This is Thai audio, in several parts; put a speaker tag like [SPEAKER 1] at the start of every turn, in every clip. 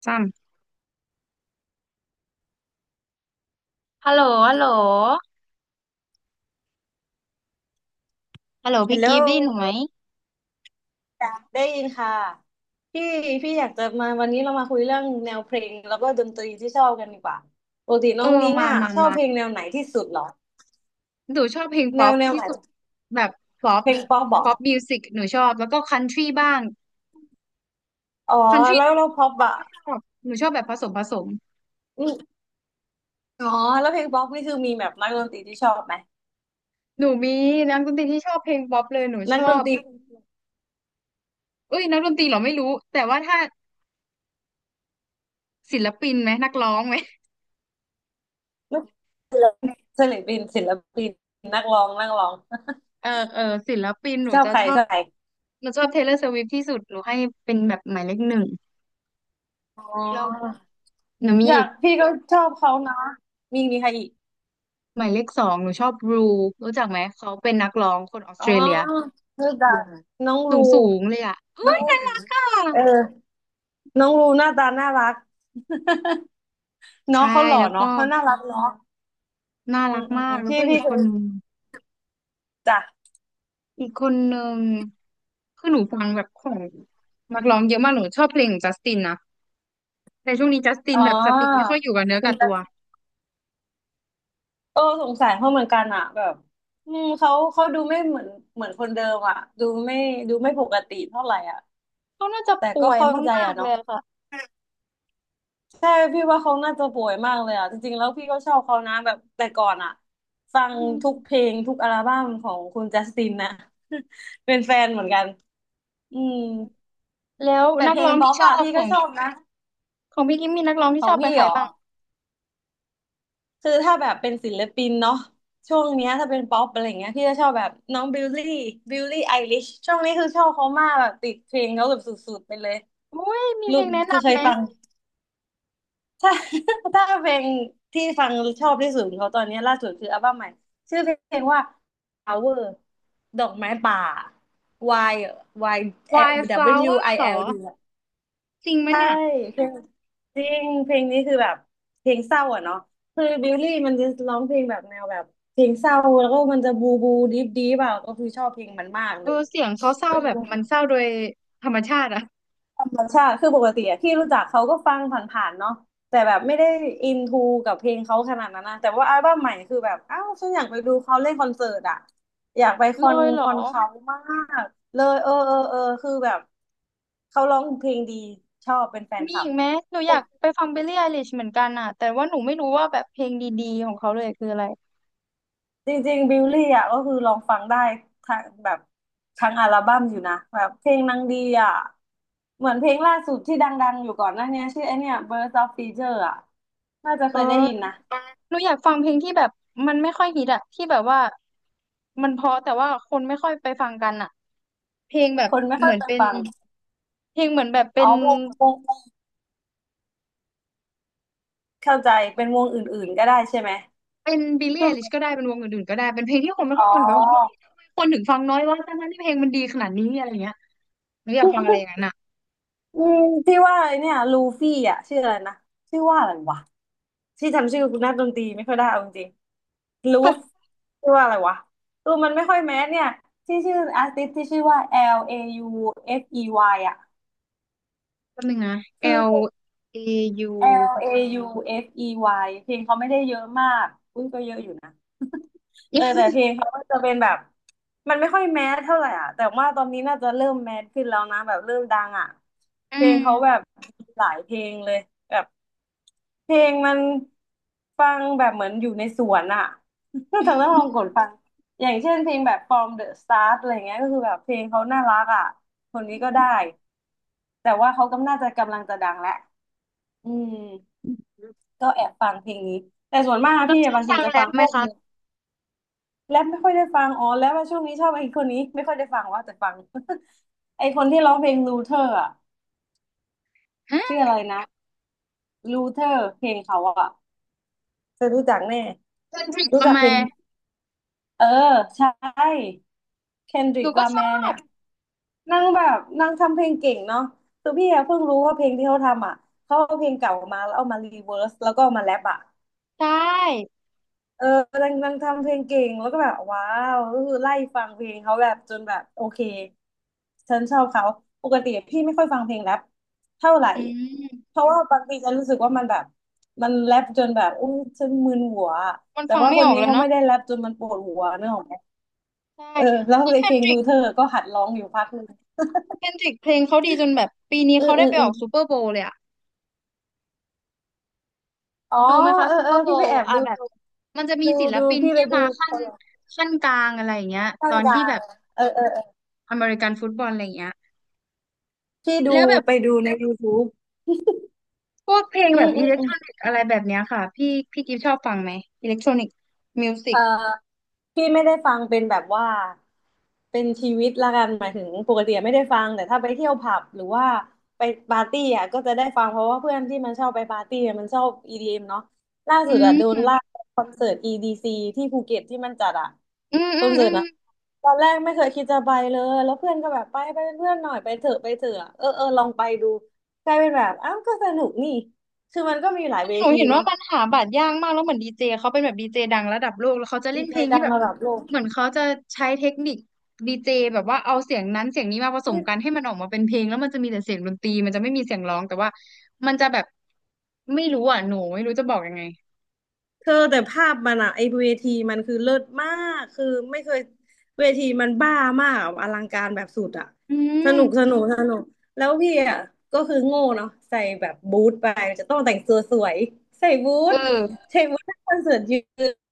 [SPEAKER 1] ซ้ฮัลโหลฮัลโหลฮัลโหล
[SPEAKER 2] ฮัล
[SPEAKER 1] พี่
[SPEAKER 2] โหล
[SPEAKER 1] กิฟต์ได้ยินหนูไหม
[SPEAKER 2] ได้ยินค่ะพี่พี่อยากจะมาวันนี้เรามาคุยเรื่องแนวเพลงแล้วก็ดนตรีที่ชอบกันดีกว่าปกติ
[SPEAKER 1] ำเอ
[SPEAKER 2] น้อง
[SPEAKER 1] อ
[SPEAKER 2] นิ้ง
[SPEAKER 1] มา
[SPEAKER 2] อ่ะ
[SPEAKER 1] มา
[SPEAKER 2] ชอบ
[SPEAKER 1] มา
[SPEAKER 2] เพลงแนวไหนที่สุดเหรอ
[SPEAKER 1] หนูชอบเพลง
[SPEAKER 2] แน
[SPEAKER 1] ป๊อ
[SPEAKER 2] ว
[SPEAKER 1] ป
[SPEAKER 2] แนว
[SPEAKER 1] ที่
[SPEAKER 2] ไหน
[SPEAKER 1] สุดแบบป๊อป
[SPEAKER 2] เพลงป๊อปบอก
[SPEAKER 1] มิวสิกหนูชอบแล้วก็คันทรีบ้าง
[SPEAKER 2] อ๋อ
[SPEAKER 1] คันทรี
[SPEAKER 2] แล้
[SPEAKER 1] ก็
[SPEAKER 2] ว
[SPEAKER 1] ช
[SPEAKER 2] เราป๊
[SPEAKER 1] อ
[SPEAKER 2] อ
[SPEAKER 1] บ
[SPEAKER 2] ป
[SPEAKER 1] ป๊อป
[SPEAKER 2] อ่ะ
[SPEAKER 1] ก็ชอบหนูชอบแบบผสมผสม
[SPEAKER 2] อืมอ๋อแล้วเพลงป๊อปนี่คือมีแบบนักดนตรีที่ชอบไหม
[SPEAKER 1] หนูมีนักดนตรีที่ชอบเพลงป๊อปเลยหนู
[SPEAKER 2] นั
[SPEAKER 1] ช
[SPEAKER 2] กด
[SPEAKER 1] อ
[SPEAKER 2] น
[SPEAKER 1] บ
[SPEAKER 2] ตรี
[SPEAKER 1] เอ้ยนักดนตรีเหรอไม่รู้แต่ว่าถ้าศิลปินไหมนักร้องไหม
[SPEAKER 2] นักศิลปินศิลปินนักร้องนักร้อง
[SPEAKER 1] เออศิลปินหนู
[SPEAKER 2] ชอบ
[SPEAKER 1] จะ
[SPEAKER 2] ใคร
[SPEAKER 1] ชอ
[SPEAKER 2] ช
[SPEAKER 1] บ
[SPEAKER 2] อบใคร
[SPEAKER 1] หนูชอบเทย์เลอร์สวิฟที่สุดหนูให้เป็นแบบหมายเลข 1
[SPEAKER 2] อ๋
[SPEAKER 1] แล้วก็
[SPEAKER 2] อ
[SPEAKER 1] หนูมี
[SPEAKER 2] อ
[SPEAKER 1] อี
[SPEAKER 2] ยา
[SPEAKER 1] ก
[SPEAKER 2] กพี่ก็ชอบเขานะมีมีใครอีก
[SPEAKER 1] หมายเลข 2หนูชอบรูรู้จักไหมเขาเป็นนักร้องคนออส
[SPEAKER 2] อ๋
[SPEAKER 1] เต
[SPEAKER 2] อ
[SPEAKER 1] รเลีย
[SPEAKER 2] รู้จักน้อง
[SPEAKER 1] สู
[SPEAKER 2] รู
[SPEAKER 1] งเลยอ่ะเฮ้
[SPEAKER 2] น้อ
[SPEAKER 1] ย
[SPEAKER 2] ง
[SPEAKER 1] ค่ะ
[SPEAKER 2] เออ น้องรูหน้าตาน่ารักเนาะ
[SPEAKER 1] ใช่
[SPEAKER 2] เขาหล่อ
[SPEAKER 1] แล้วก็
[SPEAKER 2] เนาะเขาน่ารักเนาะ
[SPEAKER 1] น่า
[SPEAKER 2] อื
[SPEAKER 1] รัก
[SPEAKER 2] มอืม
[SPEAKER 1] มา
[SPEAKER 2] อื
[SPEAKER 1] ก
[SPEAKER 2] ม
[SPEAKER 1] แล้ว
[SPEAKER 2] พี่
[SPEAKER 1] ก็อี
[SPEAKER 2] พี่
[SPEAKER 1] ก
[SPEAKER 2] เค
[SPEAKER 1] ค
[SPEAKER 2] ย
[SPEAKER 1] นนึง
[SPEAKER 2] จ้ะ
[SPEAKER 1] อีกคนนึงคือหนูฟังแบบของนักร้องเยอะมากหนูชอบเพลงของจัสตินนะแต่ช่วงนี้จัสติน
[SPEAKER 2] อ๋
[SPEAKER 1] แบบสติไม่
[SPEAKER 2] อ
[SPEAKER 1] ค่อยอยู่กับเนื้อ
[SPEAKER 2] คุ
[SPEAKER 1] กั
[SPEAKER 2] ณ
[SPEAKER 1] บตัว
[SPEAKER 2] ตาโอ้สงสัยเขาเหมือนกันอะแบบอืมเขาเขาดูไม่เหมือนเหมือนคนเดิมอะดูไม่ดูไม่ปกติเท่าไหร่อะ
[SPEAKER 1] เขาน่าจะ
[SPEAKER 2] แต่
[SPEAKER 1] ป่
[SPEAKER 2] ก็
[SPEAKER 1] วย
[SPEAKER 2] เข้าใจ
[SPEAKER 1] มาก
[SPEAKER 2] อะ
[SPEAKER 1] ๆเล
[SPEAKER 2] เนาะ
[SPEAKER 1] ยค่ะ
[SPEAKER 2] ใช่พี่ว่าเขาน่าจะป่วยมากเลยอะจริงๆแล้วพี่ก็ชอบเขานะแบบแต่ก่อนอะฟั
[SPEAKER 1] อื
[SPEAKER 2] งทุกเพล
[SPEAKER 1] ม
[SPEAKER 2] งทุกอัลบั้มของคุณจัสตินนะ เป็นแฟนเหมือนกันอืม
[SPEAKER 1] แล้ว
[SPEAKER 2] แต่
[SPEAKER 1] นั
[SPEAKER 2] เพ
[SPEAKER 1] ก
[SPEAKER 2] ล
[SPEAKER 1] ร้
[SPEAKER 2] ง
[SPEAKER 1] อง
[SPEAKER 2] ป๊อ
[SPEAKER 1] ที่
[SPEAKER 2] ป
[SPEAKER 1] ชอบ
[SPEAKER 2] อะพี่
[SPEAKER 1] ข
[SPEAKER 2] ก็
[SPEAKER 1] อง
[SPEAKER 2] ชอบนะ
[SPEAKER 1] พี่กิมมีนักร้อง
[SPEAKER 2] ข
[SPEAKER 1] ที่
[SPEAKER 2] อ
[SPEAKER 1] ช
[SPEAKER 2] ง
[SPEAKER 1] อบเป็น
[SPEAKER 2] พี่
[SPEAKER 1] ใคร
[SPEAKER 2] เหรอ
[SPEAKER 1] บ้าง
[SPEAKER 2] คือถ้าแบบเป็นศิลปินเนาะช่วงเนี้ยถ้าเป็นป๊อปอะไรเงี้ยพี่จะชอบแบบน้องบิลลี่บิลลี่ไอลิชช่วงนี้คือชอบเขามากแบบติดเพลงเขาแบบสุดๆไปเลย
[SPEAKER 1] อุ้ยมี
[SPEAKER 2] รู้
[SPEAKER 1] เพลงแนะ
[SPEAKER 2] คือเค
[SPEAKER 1] นำ
[SPEAKER 2] ย
[SPEAKER 1] ไหม
[SPEAKER 2] ฟังถ้า ถ้าเพลงที่ฟังชอบที่สุดของเขาตอนนี้ล่าสุดคืออัลบั้มใหม่ชื่อเพลงว่า Flower ดอกไม้ป่า Y Y
[SPEAKER 1] Wildflower
[SPEAKER 2] W I
[SPEAKER 1] เหรอ
[SPEAKER 2] L D
[SPEAKER 1] จริงไหม
[SPEAKER 2] ใช่
[SPEAKER 1] เนี่ย
[SPEAKER 2] เพลงจริงเพลงนี้คือแบบเพลงเศร้าอ่ะเนาะคือบิลลี่มันจะร้องเพลงแบบแนวแบบเพลงเศร้าแล้วก็มันจะบูบูดิฟดิฟอ่ะก็คือชอบเพลงมันมาก
[SPEAKER 1] เอ
[SPEAKER 2] เลย
[SPEAKER 1] อเสียงเขาเศร้า
[SPEAKER 2] อืม
[SPEAKER 1] แบบมันเศร้าโดยธรรมชาติอะ
[SPEAKER 2] ธรรมชาติคือปกติอะที่รู้จักเขาก็ฟังผ่านๆเนาะแต่แบบไม่ได้อินทูกับเพลงเขาขนาดนั้นนะแต่ว่าอัลบั้มใหม่คือแบบอ้าวฉันอยากไปดูเขาเล่นคอนเสิร์ตอ่ะอยากไปค
[SPEAKER 1] เล
[SPEAKER 2] อน
[SPEAKER 1] ยเหร
[SPEAKER 2] ค
[SPEAKER 1] อ
[SPEAKER 2] อนเขามากเลยเออคือแบบเขาร้องเพลงดีชอบเป็นแฟน
[SPEAKER 1] มี
[SPEAKER 2] คลั
[SPEAKER 1] อี
[SPEAKER 2] บ
[SPEAKER 1] กไหมหนูอยากไปฟัง b i l l ี่ไ i l i s h เหมือนกันอ่ะแต่ว่าหนูไม่รู้ว่าแบบเพลงดีๆของเขาเลยคืออะไร
[SPEAKER 2] จริงๆบิลลี่อ่ะก็คือลองฟังได้ทั้งแบบทั้งอัลบั้มอยู่นะแบบเพลงนางดีอ่ะเหมือนเพลงล่าสุดที่ดังๆอยู่ก่อนหน้าเนี้ยชื่อไอเนี่ย Birds of Feather อ่ะน่าจะ
[SPEAKER 1] เอ
[SPEAKER 2] เค
[SPEAKER 1] อ
[SPEAKER 2] ยได้ยินนะ
[SPEAKER 1] หนูอยากฟังเพลงที่แบบมันไม่ค่อยฮิตอะที่แบบว่ามันเพราะแต่ว่าคนไม่ค่อยไปฟังกันอะเพลงแบบ
[SPEAKER 2] คนไม่
[SPEAKER 1] เห
[SPEAKER 2] ค่อ
[SPEAKER 1] มื
[SPEAKER 2] ย
[SPEAKER 1] อน
[SPEAKER 2] จะ
[SPEAKER 1] เป็น
[SPEAKER 2] ฟัง
[SPEAKER 1] เพลงเหมือนแบบเป็
[SPEAKER 2] อ๋อ
[SPEAKER 1] น
[SPEAKER 2] วงเข้าใจเป็นวงอื่นๆก็ได้ใช่ไหม
[SPEAKER 1] เป็นบิลลี่
[SPEAKER 2] ค
[SPEAKER 1] ไอลิช
[SPEAKER 2] ือ
[SPEAKER 1] ก็ได้เป็นวงอื่นๆก็ได้เป็นเพลงที่คนไม่
[SPEAKER 2] อ๋
[SPEAKER 1] ค่
[SPEAKER 2] อ
[SPEAKER 1] อยฟังแต่ว่าเฮ้ยทำไมคนถึงฟังน้อยวะทั้งๆที่เพลงมันดีขนาดนี้อะไรเงี้ยหนูอยากฟังอะไรอย่างนั้นอะ
[SPEAKER 2] อืมที่ว่าไอเนี่ยลูฟี่อ่ะชื่ออะไรนะชื่อว่าอะไรวะที่จำชื่อนักดนตรีไม่ค่อยได้เอาจริงๆลูฟชื่อว่าอะไรวะเออมันไม่ค่อยแมสเนี่ยที่ชื่ออาร์ติสที่ชื่อว่า L A U F E Y อฟอีวายอ่ะ
[SPEAKER 1] แป๊บนึงนะ
[SPEAKER 2] คือ
[SPEAKER 1] L A U
[SPEAKER 2] L A U F E Y เอฟอีวายเพลงเขาไม่ได้เยอะมากอุ้ยก็เยอะอยู่นะเออแต่ เพลงเขาก็จะเป็นแบบมันไม่ค่อยแมสเท่าไหร่อ่ะแต่ว่าตอนนี้น่าจะเริ่มแมสขึ้นแล้วนะแบบเริ่มดังอ่ะ
[SPEAKER 1] อื
[SPEAKER 2] เพลง
[SPEAKER 1] ม
[SPEAKER 2] เขาแบบหลายเพลงเลยแบบ เพลงมันฟังแบบเหมือนอยู่ในสวนอะ เธอ
[SPEAKER 1] อื
[SPEAKER 2] ต้องลองก
[SPEAKER 1] ม
[SPEAKER 2] ดฟังอย่างเช่นเพลงแบบ From the Start อะไรเงี้ยก็คือแบบเพลงเขาน่ารักอะคนนี้ก็ได้ แต่ว่าเขากำน่าจะกำลังจะดังแล้วอืมก็แอบฟังเพลงนี้แต่ส่วนมาก
[SPEAKER 1] แล้ว
[SPEAKER 2] พี่
[SPEAKER 1] ชอบ
[SPEAKER 2] บางที
[SPEAKER 1] ฟัง
[SPEAKER 2] จะ
[SPEAKER 1] แร
[SPEAKER 2] ฟั
[SPEAKER 1] ป
[SPEAKER 2] ง
[SPEAKER 1] ไห
[SPEAKER 2] พ
[SPEAKER 1] ม
[SPEAKER 2] วก
[SPEAKER 1] คะ
[SPEAKER 2] มูแรปไม่ค่อยได้ฟังอ๋อแรปว่าช่วงนี้ชอบไอ้คนนี้ไม่ค่อยได้ฟังว่าแต่ฟัง ไอ้คนที่ร้องเพลงลูเทอร์อะชื่
[SPEAKER 1] ฮะ
[SPEAKER 2] ออะไรนะลูเทอร์เพลงเขาอะเธอรู้จักแน่
[SPEAKER 1] เซนดริก
[SPEAKER 2] รู้
[SPEAKER 1] ละ
[SPEAKER 2] จัก
[SPEAKER 1] แม
[SPEAKER 2] เพลง เออใช่เคนด
[SPEAKER 1] ห
[SPEAKER 2] ริ
[SPEAKER 1] นู
[SPEAKER 2] ก
[SPEAKER 1] ก็
[SPEAKER 2] ลา
[SPEAKER 1] ช
[SPEAKER 2] แม
[SPEAKER 1] อ
[SPEAKER 2] ร์เนี่
[SPEAKER 1] บ
[SPEAKER 2] ยนั่งแบบนั่งทำเพลงเก่งเนาะคือพี่อะเพิ่งรู้ว่าเพลงที่เขาทำอ่ะเขาเอาเพลงเก่ามาแล้วเอามารีเวิร์สแล้วก็เอามาแรปอ่ะ
[SPEAKER 1] ใช่
[SPEAKER 2] เออนางนางทำเพลงเก่งแล้วก็แบบว้าวก็คือไล่ฟังเพลงเขาแบบจนแบบโอเคฉันชอบเขาปกติพี่ไม่ค่อยฟังเพลงแรปเท่าไหร่
[SPEAKER 1] อื
[SPEAKER 2] เพ
[SPEAKER 1] ม
[SPEAKER 2] ราะว่าบางทีฉรู้สึกว่ามันแบบมันแรปจนแบบอุ้ยฉันมึนหัว
[SPEAKER 1] มัน
[SPEAKER 2] แต่
[SPEAKER 1] ฟัง
[SPEAKER 2] ว่า
[SPEAKER 1] ไม่
[SPEAKER 2] ค
[SPEAKER 1] อ
[SPEAKER 2] น
[SPEAKER 1] อก
[SPEAKER 2] นี้
[SPEAKER 1] แล้ว
[SPEAKER 2] เขา
[SPEAKER 1] เนาะ
[SPEAKER 2] ไม่ได้แรปจนมันปวดหัวนึกออกไหม
[SPEAKER 1] ใช่
[SPEAKER 2] เออแล้ว
[SPEAKER 1] คือ
[SPEAKER 2] ใน
[SPEAKER 1] เค
[SPEAKER 2] เพ
[SPEAKER 1] น
[SPEAKER 2] ลง
[SPEAKER 1] ดริ
[SPEAKER 2] ลู
[SPEAKER 1] ก
[SPEAKER 2] เธอร์ก็หัดร้องอยู่พักหนึ่ง
[SPEAKER 1] เคนดริกเพลงเขาดีจนแบบปีนี้
[SPEAKER 2] อื
[SPEAKER 1] เขา
[SPEAKER 2] อ
[SPEAKER 1] ได้
[SPEAKER 2] อือ
[SPEAKER 1] ไป
[SPEAKER 2] อื
[SPEAKER 1] อ
[SPEAKER 2] อ
[SPEAKER 1] อกซูเปอร์โบว์เลยอะ
[SPEAKER 2] อ๋อ
[SPEAKER 1] ดูไหมคะ
[SPEAKER 2] เออ
[SPEAKER 1] ซู
[SPEAKER 2] เอ
[SPEAKER 1] เป
[SPEAKER 2] อ
[SPEAKER 1] อร์โบ
[SPEAKER 2] พี่ไปแอ
[SPEAKER 1] ว์
[SPEAKER 2] บ
[SPEAKER 1] อ่ะ
[SPEAKER 2] ดู
[SPEAKER 1] แบบมันจะมี
[SPEAKER 2] ดู
[SPEAKER 1] ศิล
[SPEAKER 2] ดู
[SPEAKER 1] ปิน
[SPEAKER 2] พี่ไป
[SPEAKER 1] ที่
[SPEAKER 2] ดู
[SPEAKER 1] มาขั้
[SPEAKER 2] ค
[SPEAKER 1] น
[SPEAKER 2] น
[SPEAKER 1] กลางอะไรอย่างเงี้ยต
[SPEAKER 2] ตั้
[SPEAKER 1] อ
[SPEAKER 2] ง
[SPEAKER 1] น
[SPEAKER 2] ก
[SPEAKER 1] ที่
[SPEAKER 2] ลา
[SPEAKER 1] แบ
[SPEAKER 2] ง
[SPEAKER 1] บ
[SPEAKER 2] เออ
[SPEAKER 1] อเมริกันฟุตบอลอะไรอย่างเงี้ย
[SPEAKER 2] พี่ดู
[SPEAKER 1] แล้วแบบ
[SPEAKER 2] ไปดูใน YouTube
[SPEAKER 1] พวกเพลง
[SPEAKER 2] อื
[SPEAKER 1] แบ
[SPEAKER 2] ม
[SPEAKER 1] บ
[SPEAKER 2] อื
[SPEAKER 1] อิ
[SPEAKER 2] ม
[SPEAKER 1] เล็ก
[SPEAKER 2] อื
[SPEAKER 1] ท
[SPEAKER 2] ม
[SPEAKER 1] รอนิกอะไรแบบเนี้ยค่ะพี่พี่กิฟชอบฟังไหมอิเล็กทรอนิกมิวสิ
[SPEAKER 2] เอ
[SPEAKER 1] ก
[SPEAKER 2] อพี่ไม่ได้ฟังเป็นแบบว่าเป็นชีวิตละกันหมายถึงปกติไม่ได้ฟังแต่ถ้าไปเที่ยวผับหรือว่าไปปาร์ตี้อ่ะก็จะได้ฟังเพราะว่าเพื่อนที่มันชอบไปปาร์ตี้อะมันชอบ EDM เอ็มเนาะล่า
[SPEAKER 1] อื
[SPEAKER 2] สุดอ่ะโดน
[SPEAKER 1] ม
[SPEAKER 2] ลากไปคอนเสิร์ตอีดีซ c ที่ภูเก็ตที่มันจัดอ่ะ
[SPEAKER 1] อืม
[SPEAKER 2] ค
[SPEAKER 1] อื
[SPEAKER 2] อ
[SPEAKER 1] ม
[SPEAKER 2] นเสิ
[SPEAKER 1] อื
[SPEAKER 2] ร์ต
[SPEAKER 1] ม
[SPEAKER 2] นะ ตอนแรกไม่เคยคิดจะไปเลย แล้วเพื่อนก็แบบไปไปเป็นเพื่อนหน่อยไปเถอะไปเถอะเออเออลองไปดูกลายเป็นแบบอ้าวก็สนุกนี่คือมันก็มีหลาย
[SPEAKER 1] คือ
[SPEAKER 2] เว
[SPEAKER 1] หนู
[SPEAKER 2] ที
[SPEAKER 1] เห็นว่า
[SPEAKER 2] เนาะ
[SPEAKER 1] มันหาบัตรยากมากแล้วเหมือนดีเจเขาเป็นแบบดีเจดังระดับโลกแล้วเขาจะเล่
[SPEAKER 2] มี
[SPEAKER 1] น
[SPEAKER 2] ใค
[SPEAKER 1] เพ
[SPEAKER 2] ร
[SPEAKER 1] ลง
[SPEAKER 2] ดั
[SPEAKER 1] ที่
[SPEAKER 2] ง
[SPEAKER 1] แบบ
[SPEAKER 2] ระดับโลก
[SPEAKER 1] เหมือนเขาจะใช้เทคนิคดีเจแบบว่าเอาเสียงนั้นเสียงนี้มาผสมกันให้มันออกมาเป็นเพลงแล้วมันจะมีแต่เสียงดนตรีมันจะไม่มีเสียงร้องแต่ว่ามันจะแบบไม่รู้อ่ะหนูไม่รู้จะบอกยังไง
[SPEAKER 2] เธอแต่ภาพมันอะไอเวทีมันคือเลิศมากคือไม่เคยเวทีมันบ้ามากอะอลังการแบบสุดอะ
[SPEAKER 1] อื
[SPEAKER 2] ส
[SPEAKER 1] ม
[SPEAKER 2] นุกสนุกสนุกแล้วพี่อะก็คือโง่เนาะใส่แบบบูทไปจะต้องแต่งตัวสวยใส่บู
[SPEAKER 1] เอ
[SPEAKER 2] ท
[SPEAKER 1] อ
[SPEAKER 2] ใส่บูททั้งคอนเสิร์ตยื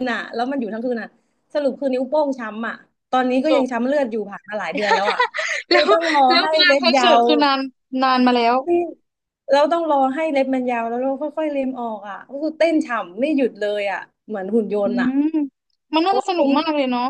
[SPEAKER 2] นอะแล้วมันอยู่ทั้งคืนอะสรุปคือนิ้วโป้งช้ำอะตอนนี้ก็
[SPEAKER 1] จ
[SPEAKER 2] ยัง
[SPEAKER 1] บ
[SPEAKER 2] ช้ำเลือดอยู่ผ่านมาหลายเดือนแล้วอะ คื
[SPEAKER 1] แล้
[SPEAKER 2] อ
[SPEAKER 1] ว
[SPEAKER 2] ต้องรอ
[SPEAKER 1] แล้ว
[SPEAKER 2] ให้
[SPEAKER 1] งาน
[SPEAKER 2] เล็บ
[SPEAKER 1] คอน
[SPEAKER 2] ยา
[SPEAKER 1] เสิร์ต
[SPEAKER 2] ว
[SPEAKER 1] คือนานนานมาแล้ว
[SPEAKER 2] นี่เราต้องรอให้เล็บมันยาวแล้วเราค่อยๆเล็มออกอ่ะก็คือเต้นฉ่ำไม่หยุดเลยอ่ะเหมือนหุ่นย
[SPEAKER 1] อื
[SPEAKER 2] นต์อ่ะ
[SPEAKER 1] มมันน่าจะสนุ
[SPEAKER 2] คุ้
[SPEAKER 1] ก
[SPEAKER 2] ม
[SPEAKER 1] มากเลยเนาะ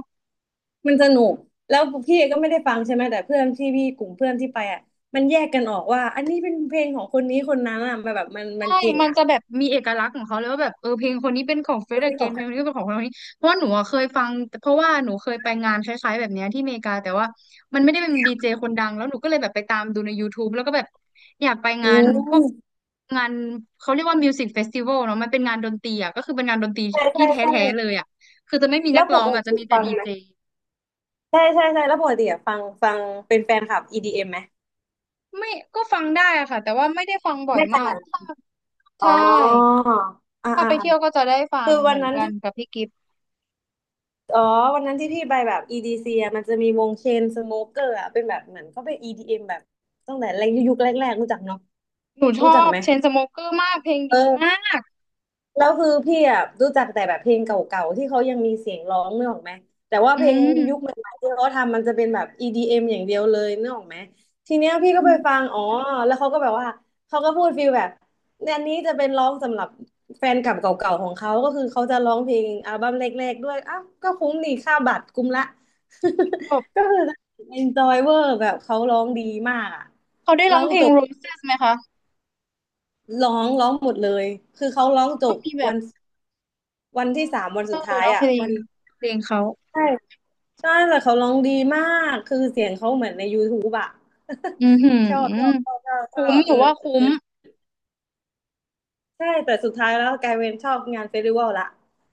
[SPEAKER 2] มันสนุกแล้วพี่ก็ไม่ได้ฟังใช่ไหมแต่เพื่อนที่พี่กลุ่มเพื่อนที่ไปอ่ะมันแยกกันออกว่าอันนี้เป็นเพลงของคนนี้คนนั้นอ่ะมันแบบมันมัน
[SPEAKER 1] ใช่
[SPEAKER 2] เก่ง
[SPEAKER 1] มัน
[SPEAKER 2] อ่ะ
[SPEAKER 1] จะแบบมีเอกลักษณ์ของเขาเลยว่าแบบเออเพลงคนนี้เป็นของเฟ
[SPEAKER 2] คน
[SPEAKER 1] ร e
[SPEAKER 2] นี้
[SPEAKER 1] เก
[SPEAKER 2] ขอ
[SPEAKER 1] น
[SPEAKER 2] ง
[SPEAKER 1] เพ
[SPEAKER 2] ใค
[SPEAKER 1] ลงคนนี้ก็เป็นของคนนี้เพราะว่าหนูอะเคยฟังเพราะว่าหนูเคยไปงานคล้ายๆแบบเนี้ยที่อเมริกาแต่ว่ามันไม่ได้เป็นดีเจคนดังแล้วหนูก็เลยแบบไปตามดูใน YouTube แล้วก็แบบอยากไป
[SPEAKER 2] อื
[SPEAKER 1] งานพวก
[SPEAKER 2] ม
[SPEAKER 1] งานเขาเรียกว่ามิวสิกเฟสติวัลเนาะมันเป็นงานดนตรีอ่ะก็คือเป็นงานดนตรี
[SPEAKER 2] ใช่
[SPEAKER 1] ที่
[SPEAKER 2] ใช่ใช่
[SPEAKER 1] แท้ๆเลยอ่ะคือจะไม่มีนั
[SPEAKER 2] แล้
[SPEAKER 1] ก
[SPEAKER 2] วป
[SPEAKER 1] ร้อง
[SPEAKER 2] ก
[SPEAKER 1] อ่ะจะ
[SPEAKER 2] ติ
[SPEAKER 1] มีแต่
[SPEAKER 2] ฟัง
[SPEAKER 1] ดี
[SPEAKER 2] ไหม
[SPEAKER 1] เจ
[SPEAKER 2] ใช่ใช่ใช่แล้วปกติอ่ะฟังฟังเป็นแฟนคลับ EDM ไหม
[SPEAKER 1] ไม่ก็ฟังได้อะค่ะแต่ว่าไม่ได้ฟังบ่อย
[SPEAKER 2] ไม่
[SPEAKER 1] มาก
[SPEAKER 2] ใช่อ๋อ
[SPEAKER 1] ใช่
[SPEAKER 2] อ่า
[SPEAKER 1] ถ้า
[SPEAKER 2] อ่า
[SPEAKER 1] ไป
[SPEAKER 2] อ่า
[SPEAKER 1] เที่ยวก็จะได้ฟัง
[SPEAKER 2] คือ
[SPEAKER 1] เห
[SPEAKER 2] วั
[SPEAKER 1] มื
[SPEAKER 2] น
[SPEAKER 1] อน
[SPEAKER 2] นั้น
[SPEAKER 1] กันกับพี่กิฟต์
[SPEAKER 2] อ๋อ วันนั้นที่พี่ไปแบบ EDC อะมันจะมีวงเชนสโมเกอร์อะเป็นแบบเหมือนเขาเป็น EDM แบบตั้งแต่แรกยุคแรกๆ รู้จักเนาะ
[SPEAKER 1] หนูช
[SPEAKER 2] รู้
[SPEAKER 1] อ
[SPEAKER 2] จัก
[SPEAKER 1] บ
[SPEAKER 2] ไหม
[SPEAKER 1] เชนสโมเกอร์มากเพลง
[SPEAKER 2] เอ
[SPEAKER 1] ดี
[SPEAKER 2] อ
[SPEAKER 1] มาก
[SPEAKER 2] แล้วคือพี่อ่ะรู้จักแต่แบบเพลงเก่าๆที่เขายังมีเสียงร้องนึกออกไหมแต่ว่า
[SPEAKER 1] อื
[SPEAKER 2] เพลงยุคให
[SPEAKER 1] ม
[SPEAKER 2] ม่ๆที่เขาทำมันจะเป็นแบบ EDM อมอย่างเดียวเลยนึกออกไหมทีเนี้ยพี่ก็
[SPEAKER 1] อื
[SPEAKER 2] ไป
[SPEAKER 1] ม
[SPEAKER 2] ฟังอ๋อแล้วเขาก็แบบว่าเขาก็พูดฟีลแบบเนี่ยอันนี้จะเป็นร้องสำหรับแฟนเกับเก่าๆของเขาก็คือเขาจะร้องเพลงอัลบั้มแรกๆด้วยอ้าวก็คุ้มนี่ค่าบัตรคุ้มละ
[SPEAKER 1] จ บ
[SPEAKER 2] ก็คือ enjoy เวอร์แบบเขาร้องดีมากอะ
[SPEAKER 1] เขาได้ร้
[SPEAKER 2] ร้
[SPEAKER 1] อ
[SPEAKER 2] อ
[SPEAKER 1] ง
[SPEAKER 2] ง
[SPEAKER 1] เพล
[SPEAKER 2] จ
[SPEAKER 1] ง
[SPEAKER 2] บ
[SPEAKER 1] Roses ไหมคะ
[SPEAKER 2] ร้องหมดเลยคือเขาร้องจ
[SPEAKER 1] ก็
[SPEAKER 2] บ
[SPEAKER 1] มีแบ
[SPEAKER 2] วั
[SPEAKER 1] บ
[SPEAKER 2] น วัน
[SPEAKER 1] Closer
[SPEAKER 2] ที่สามวันสุ
[SPEAKER 1] เนา
[SPEAKER 2] ดท้าย
[SPEAKER 1] ะเพ
[SPEAKER 2] อ่ะ
[SPEAKER 1] ลง
[SPEAKER 2] วัน
[SPEAKER 1] เขา
[SPEAKER 2] ใช่ใช่แต่เขาร้องดีมากคือเสียงเขาเหมือนใน YouTube อ่ะ
[SPEAKER 1] อือหื
[SPEAKER 2] ชอบชอบช
[SPEAKER 1] อ
[SPEAKER 2] อบชอบชอ
[SPEAKER 1] คุ้ม
[SPEAKER 2] บ
[SPEAKER 1] ห
[SPEAKER 2] เอ
[SPEAKER 1] นู
[SPEAKER 2] อ
[SPEAKER 1] ว่า
[SPEAKER 2] เอ
[SPEAKER 1] คุ้ม
[SPEAKER 2] อใช่แต่สุดท้ายแล้วกลายเป็นชอบงานเฟสติวัลละ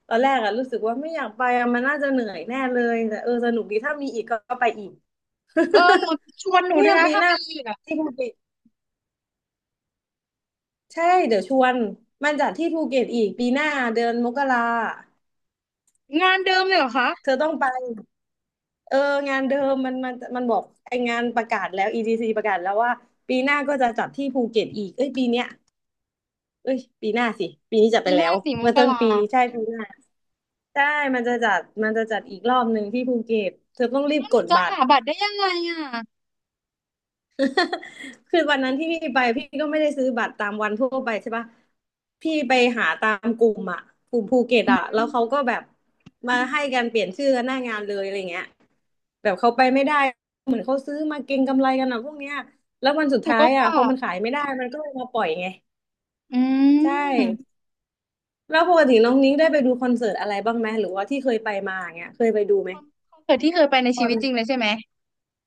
[SPEAKER 2] ตอนแรกอ่ะรู้สึกว่าไม่อยากไปอะมันน่าจะเหนื่อยแน่เลยแต่เออสนุกดีถ้ามีอีกก็ก็ไปอีก
[SPEAKER 1] เออหนูชวนห นู
[SPEAKER 2] เนี่
[SPEAKER 1] ด้ว
[SPEAKER 2] ย
[SPEAKER 1] ยนะ
[SPEAKER 2] ปี
[SPEAKER 1] ถ้า
[SPEAKER 2] หน้า
[SPEAKER 1] มีอีกอะ
[SPEAKER 2] ที่ภูเก็ตใช่เดี๋ยวชวนมันจัดที่ภูเก็ตอีกปีหน้าเดือนมกรา
[SPEAKER 1] งานเดิมเลยเหรอคะ
[SPEAKER 2] เธอต้องไป เอองานเดิมมันบอกไองานประกาศแล้ว EDC ประกาศแล้วว่าปีหน้าก็จะจัดที่ภูเก็ตอีกเอ้ยปีเนี้ยเอ้ยปีหน้าสิปีนี้จัดไป
[SPEAKER 1] ปีห
[SPEAKER 2] แล้
[SPEAKER 1] น้า
[SPEAKER 2] ว
[SPEAKER 1] สี่ม
[SPEAKER 2] เมื่อ
[SPEAKER 1] ก
[SPEAKER 2] ต้น
[SPEAKER 1] รา
[SPEAKER 2] ปีใช่ปีหน้าใช่มันจะจัดอีกรอบหนึ่งที่ภูเก็ตเธอต้องรีบ
[SPEAKER 1] แล้วห
[SPEAKER 2] ก
[SPEAKER 1] นู
[SPEAKER 2] ด
[SPEAKER 1] จะ
[SPEAKER 2] บัต
[SPEAKER 1] หา
[SPEAKER 2] ร
[SPEAKER 1] บัตรได้ยังไงอ่ะ
[SPEAKER 2] คือวันนั้นที่พี่ไปพี่ก็ไม่ได้ซื้อบัตรตามวันทั่วไปใช่ปะพี่ไปหาตามกลุ่มอ่ะกลุ่มภูเก็ต
[SPEAKER 1] อื
[SPEAKER 2] อ่ะแล้
[SPEAKER 1] ม
[SPEAKER 2] วเขาก็แบบมาให้กันเปลี่ยนชื่อกันหน้างานเลยอะไรเงี้ยแบบเขาไปไม่ได้เหมือนเขาซื้อมาเก็งกำไรกันอ่ะพวกเนี้ยแล้ววันสุด
[SPEAKER 1] หนู
[SPEAKER 2] ท้า
[SPEAKER 1] ก็
[SPEAKER 2] ยอ่ะ
[SPEAKER 1] ว่า
[SPEAKER 2] พอมันขายไม่ได้มันก็เลยมาปล่อยไง
[SPEAKER 1] อื
[SPEAKER 2] ใช่
[SPEAKER 1] ม
[SPEAKER 2] แล้วปกติน้องนิ้งได้ไปดูคอนเสิร์ตอะไรบ้างไหมหรือว่าที่เคยไปมาอย่างเงี้ยเคยไปดูไหม
[SPEAKER 1] คอนเสิร์ตที่เคยไปใน
[SPEAKER 2] ชอ
[SPEAKER 1] ชีวิ
[SPEAKER 2] น
[SPEAKER 1] ตจริงเลยใช่ไหม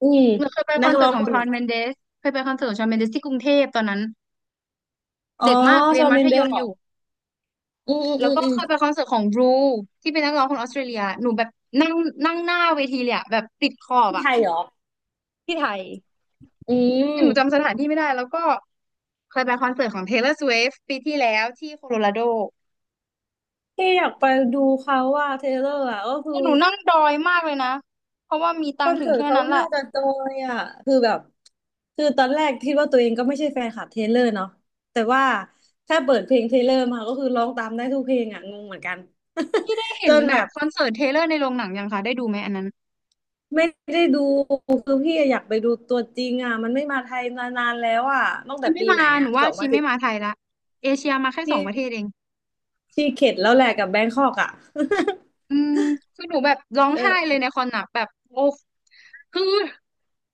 [SPEAKER 2] อืม
[SPEAKER 1] หนูเคยไปค
[SPEAKER 2] นั
[SPEAKER 1] อ
[SPEAKER 2] ก
[SPEAKER 1] นเสิ
[SPEAKER 2] ร้
[SPEAKER 1] ร์
[SPEAKER 2] อ
[SPEAKER 1] ต
[SPEAKER 2] ง
[SPEAKER 1] ขอ
[SPEAKER 2] ค
[SPEAKER 1] งช
[SPEAKER 2] น
[SPEAKER 1] อนเมนเดสเคยไปคอนเสิร์ตของชอนเมนเดสที่กรุงเทพตอนนั้น
[SPEAKER 2] อ๋อ
[SPEAKER 1] เด็กมากเรี
[SPEAKER 2] ช
[SPEAKER 1] ยน
[SPEAKER 2] อน
[SPEAKER 1] มั
[SPEAKER 2] เม
[SPEAKER 1] ธ
[SPEAKER 2] นเด
[SPEAKER 1] ย
[SPEAKER 2] ส
[SPEAKER 1] ม
[SPEAKER 2] เหร
[SPEAKER 1] อ
[SPEAKER 2] อ
[SPEAKER 1] ยู่
[SPEAKER 2] อืมอืม
[SPEAKER 1] แล้
[SPEAKER 2] อื
[SPEAKER 1] ว
[SPEAKER 2] ม
[SPEAKER 1] ก็
[SPEAKER 2] อืม
[SPEAKER 1] เคยไปคอนเสิร์ตของบรูที่เป็นนักร้องคนออสเตรเลียหนูแบบนั่งนั่งหน้าเวทีเลยอะแบบติดขอบ
[SPEAKER 2] ที่
[SPEAKER 1] อะ
[SPEAKER 2] ไทยเหรอ
[SPEAKER 1] ที่ไทย
[SPEAKER 2] อืม
[SPEAKER 1] คือหนูจำสถานที่ไม่ได้แล้วก็เคยไปคอนเสิร์ตของ Taylor Swift ปีที่แล้วที่โคโลราโด
[SPEAKER 2] ที่อยากไปดูเขาว่าเทเลอร์อ่ะก็คื
[SPEAKER 1] แต่
[SPEAKER 2] อ
[SPEAKER 1] หนูนั่งดอยมากเลยนะเพราะว่ามี
[SPEAKER 2] ค
[SPEAKER 1] ตัง
[SPEAKER 2] อน
[SPEAKER 1] ค์ถึง
[SPEAKER 2] เสิร์ต
[SPEAKER 1] แค่
[SPEAKER 2] เขา
[SPEAKER 1] นั้นแห
[SPEAKER 2] น่า
[SPEAKER 1] ละ
[SPEAKER 2] จะจอยอ่ะคือแบบคือตอนแรกคิดว่าตัวเองก็ไม่ใช่แฟนคลับเทเลอร์เนาะแต่ว่าถ้าเปิดเพลงเทเลอร์มาก็คือร้องตามได้ทุกเพลงอ่ะงงเหมือนกัน
[SPEAKER 1] ที่ได้ เห็
[SPEAKER 2] จ
[SPEAKER 1] น
[SPEAKER 2] น
[SPEAKER 1] แบ
[SPEAKER 2] แบ
[SPEAKER 1] บ
[SPEAKER 2] บ
[SPEAKER 1] คอนเสิร์ตเทเลอร์ในโรงหนังยังคะได้ดูไหมอันนั้น
[SPEAKER 2] ไม่ได้ดูคือพี่อยากไปดูตัวจริงอ่ะมันไม่มาไทยมานานแล้วอ่ะตั้ง
[SPEAKER 1] ชี
[SPEAKER 2] แต่
[SPEAKER 1] ไม่
[SPEAKER 2] ปี
[SPEAKER 1] มา
[SPEAKER 2] ไหน
[SPEAKER 1] หนู
[SPEAKER 2] อ่ะส
[SPEAKER 1] ว่า
[SPEAKER 2] อง
[SPEAKER 1] ชี
[SPEAKER 2] พันสิ
[SPEAKER 1] ไม่
[SPEAKER 2] บ
[SPEAKER 1] มาไทยละเอเชียมาแค่ส
[SPEAKER 2] ที่
[SPEAKER 1] องประเทศเอง
[SPEAKER 2] ที่เข็ดแล้วแหละกับแบงคอกอ่ะ
[SPEAKER 1] อืมคือหนูแบบร้อง ไห้เล
[SPEAKER 2] เออ
[SPEAKER 1] ยในคอนหนักแบบโอ้คือ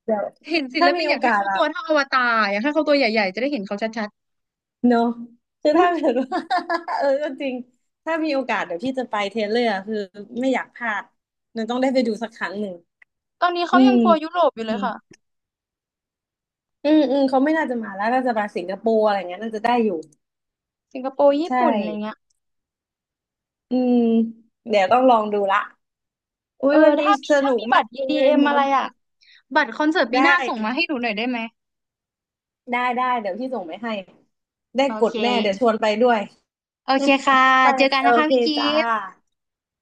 [SPEAKER 2] เดี๋ยว
[SPEAKER 1] เห็นศิล
[SPEAKER 2] ถ้า
[SPEAKER 1] ปิ
[SPEAKER 2] มี
[SPEAKER 1] นอ
[SPEAKER 2] โอ
[SPEAKER 1] ยากให้
[SPEAKER 2] กาส
[SPEAKER 1] เขาตั
[SPEAKER 2] อ่ะ
[SPEAKER 1] วเท่าอวตารอยากให้เขาตัวใหญ่ๆจะได้เห็นเขาชัด
[SPEAKER 2] เนอะคือ
[SPEAKER 1] ๆอืม
[SPEAKER 2] ถ้าเกิดว่า เออก็จริงถ้ามีโอกาสเดี๋ยวพี่จะไปเทเลอร์คือไม่อยากพลาดมันต้องได้ไปดูสักครั้งหนึ่ง
[SPEAKER 1] ตอนนี้
[SPEAKER 2] อื
[SPEAKER 1] เขายั
[SPEAKER 2] ม
[SPEAKER 1] งทัวร์ยุโรปอยู่
[SPEAKER 2] อื
[SPEAKER 1] เลย
[SPEAKER 2] ม
[SPEAKER 1] ค่ะ
[SPEAKER 2] อืมอืมเขาไม่น่าจะมาแล้วน่าจะมาสิงคโปร์อะไรเงี้ยน่าจะได้อยู่
[SPEAKER 1] สิงคโปร์ญี่
[SPEAKER 2] ใช่
[SPEAKER 1] ปุ่นอะไรเงี้ย
[SPEAKER 2] อืมเดี๋ยวต้องลองดูละอุ้
[SPEAKER 1] เอ
[SPEAKER 2] ย
[SPEAKER 1] อ
[SPEAKER 2] วันนี้
[SPEAKER 1] ถ้ามี
[SPEAKER 2] ส
[SPEAKER 1] ถ้า
[SPEAKER 2] นุก
[SPEAKER 1] มีบั
[SPEAKER 2] มา
[SPEAKER 1] ต
[SPEAKER 2] ก
[SPEAKER 1] ร
[SPEAKER 2] เลย
[SPEAKER 1] EDM อม
[SPEAKER 2] เมา
[SPEAKER 1] อะไรอ่ะบัตรคอนเสิร์ตปี
[SPEAKER 2] ได้
[SPEAKER 1] หน้าส่งมาให้หนูหน่อยได้ไหม
[SPEAKER 2] ได้ได้เดี๋ยวพี่ส่งไปให้ได้
[SPEAKER 1] โอ
[SPEAKER 2] กด
[SPEAKER 1] เค
[SPEAKER 2] แน่เดี๋ยวชวนไปด้วย
[SPEAKER 1] โอเคค่ะ
[SPEAKER 2] ไป
[SPEAKER 1] เจอกัน
[SPEAKER 2] โอ
[SPEAKER 1] นะคะ
[SPEAKER 2] เค
[SPEAKER 1] พี่กิ
[SPEAKER 2] จ้า
[SPEAKER 1] ฟ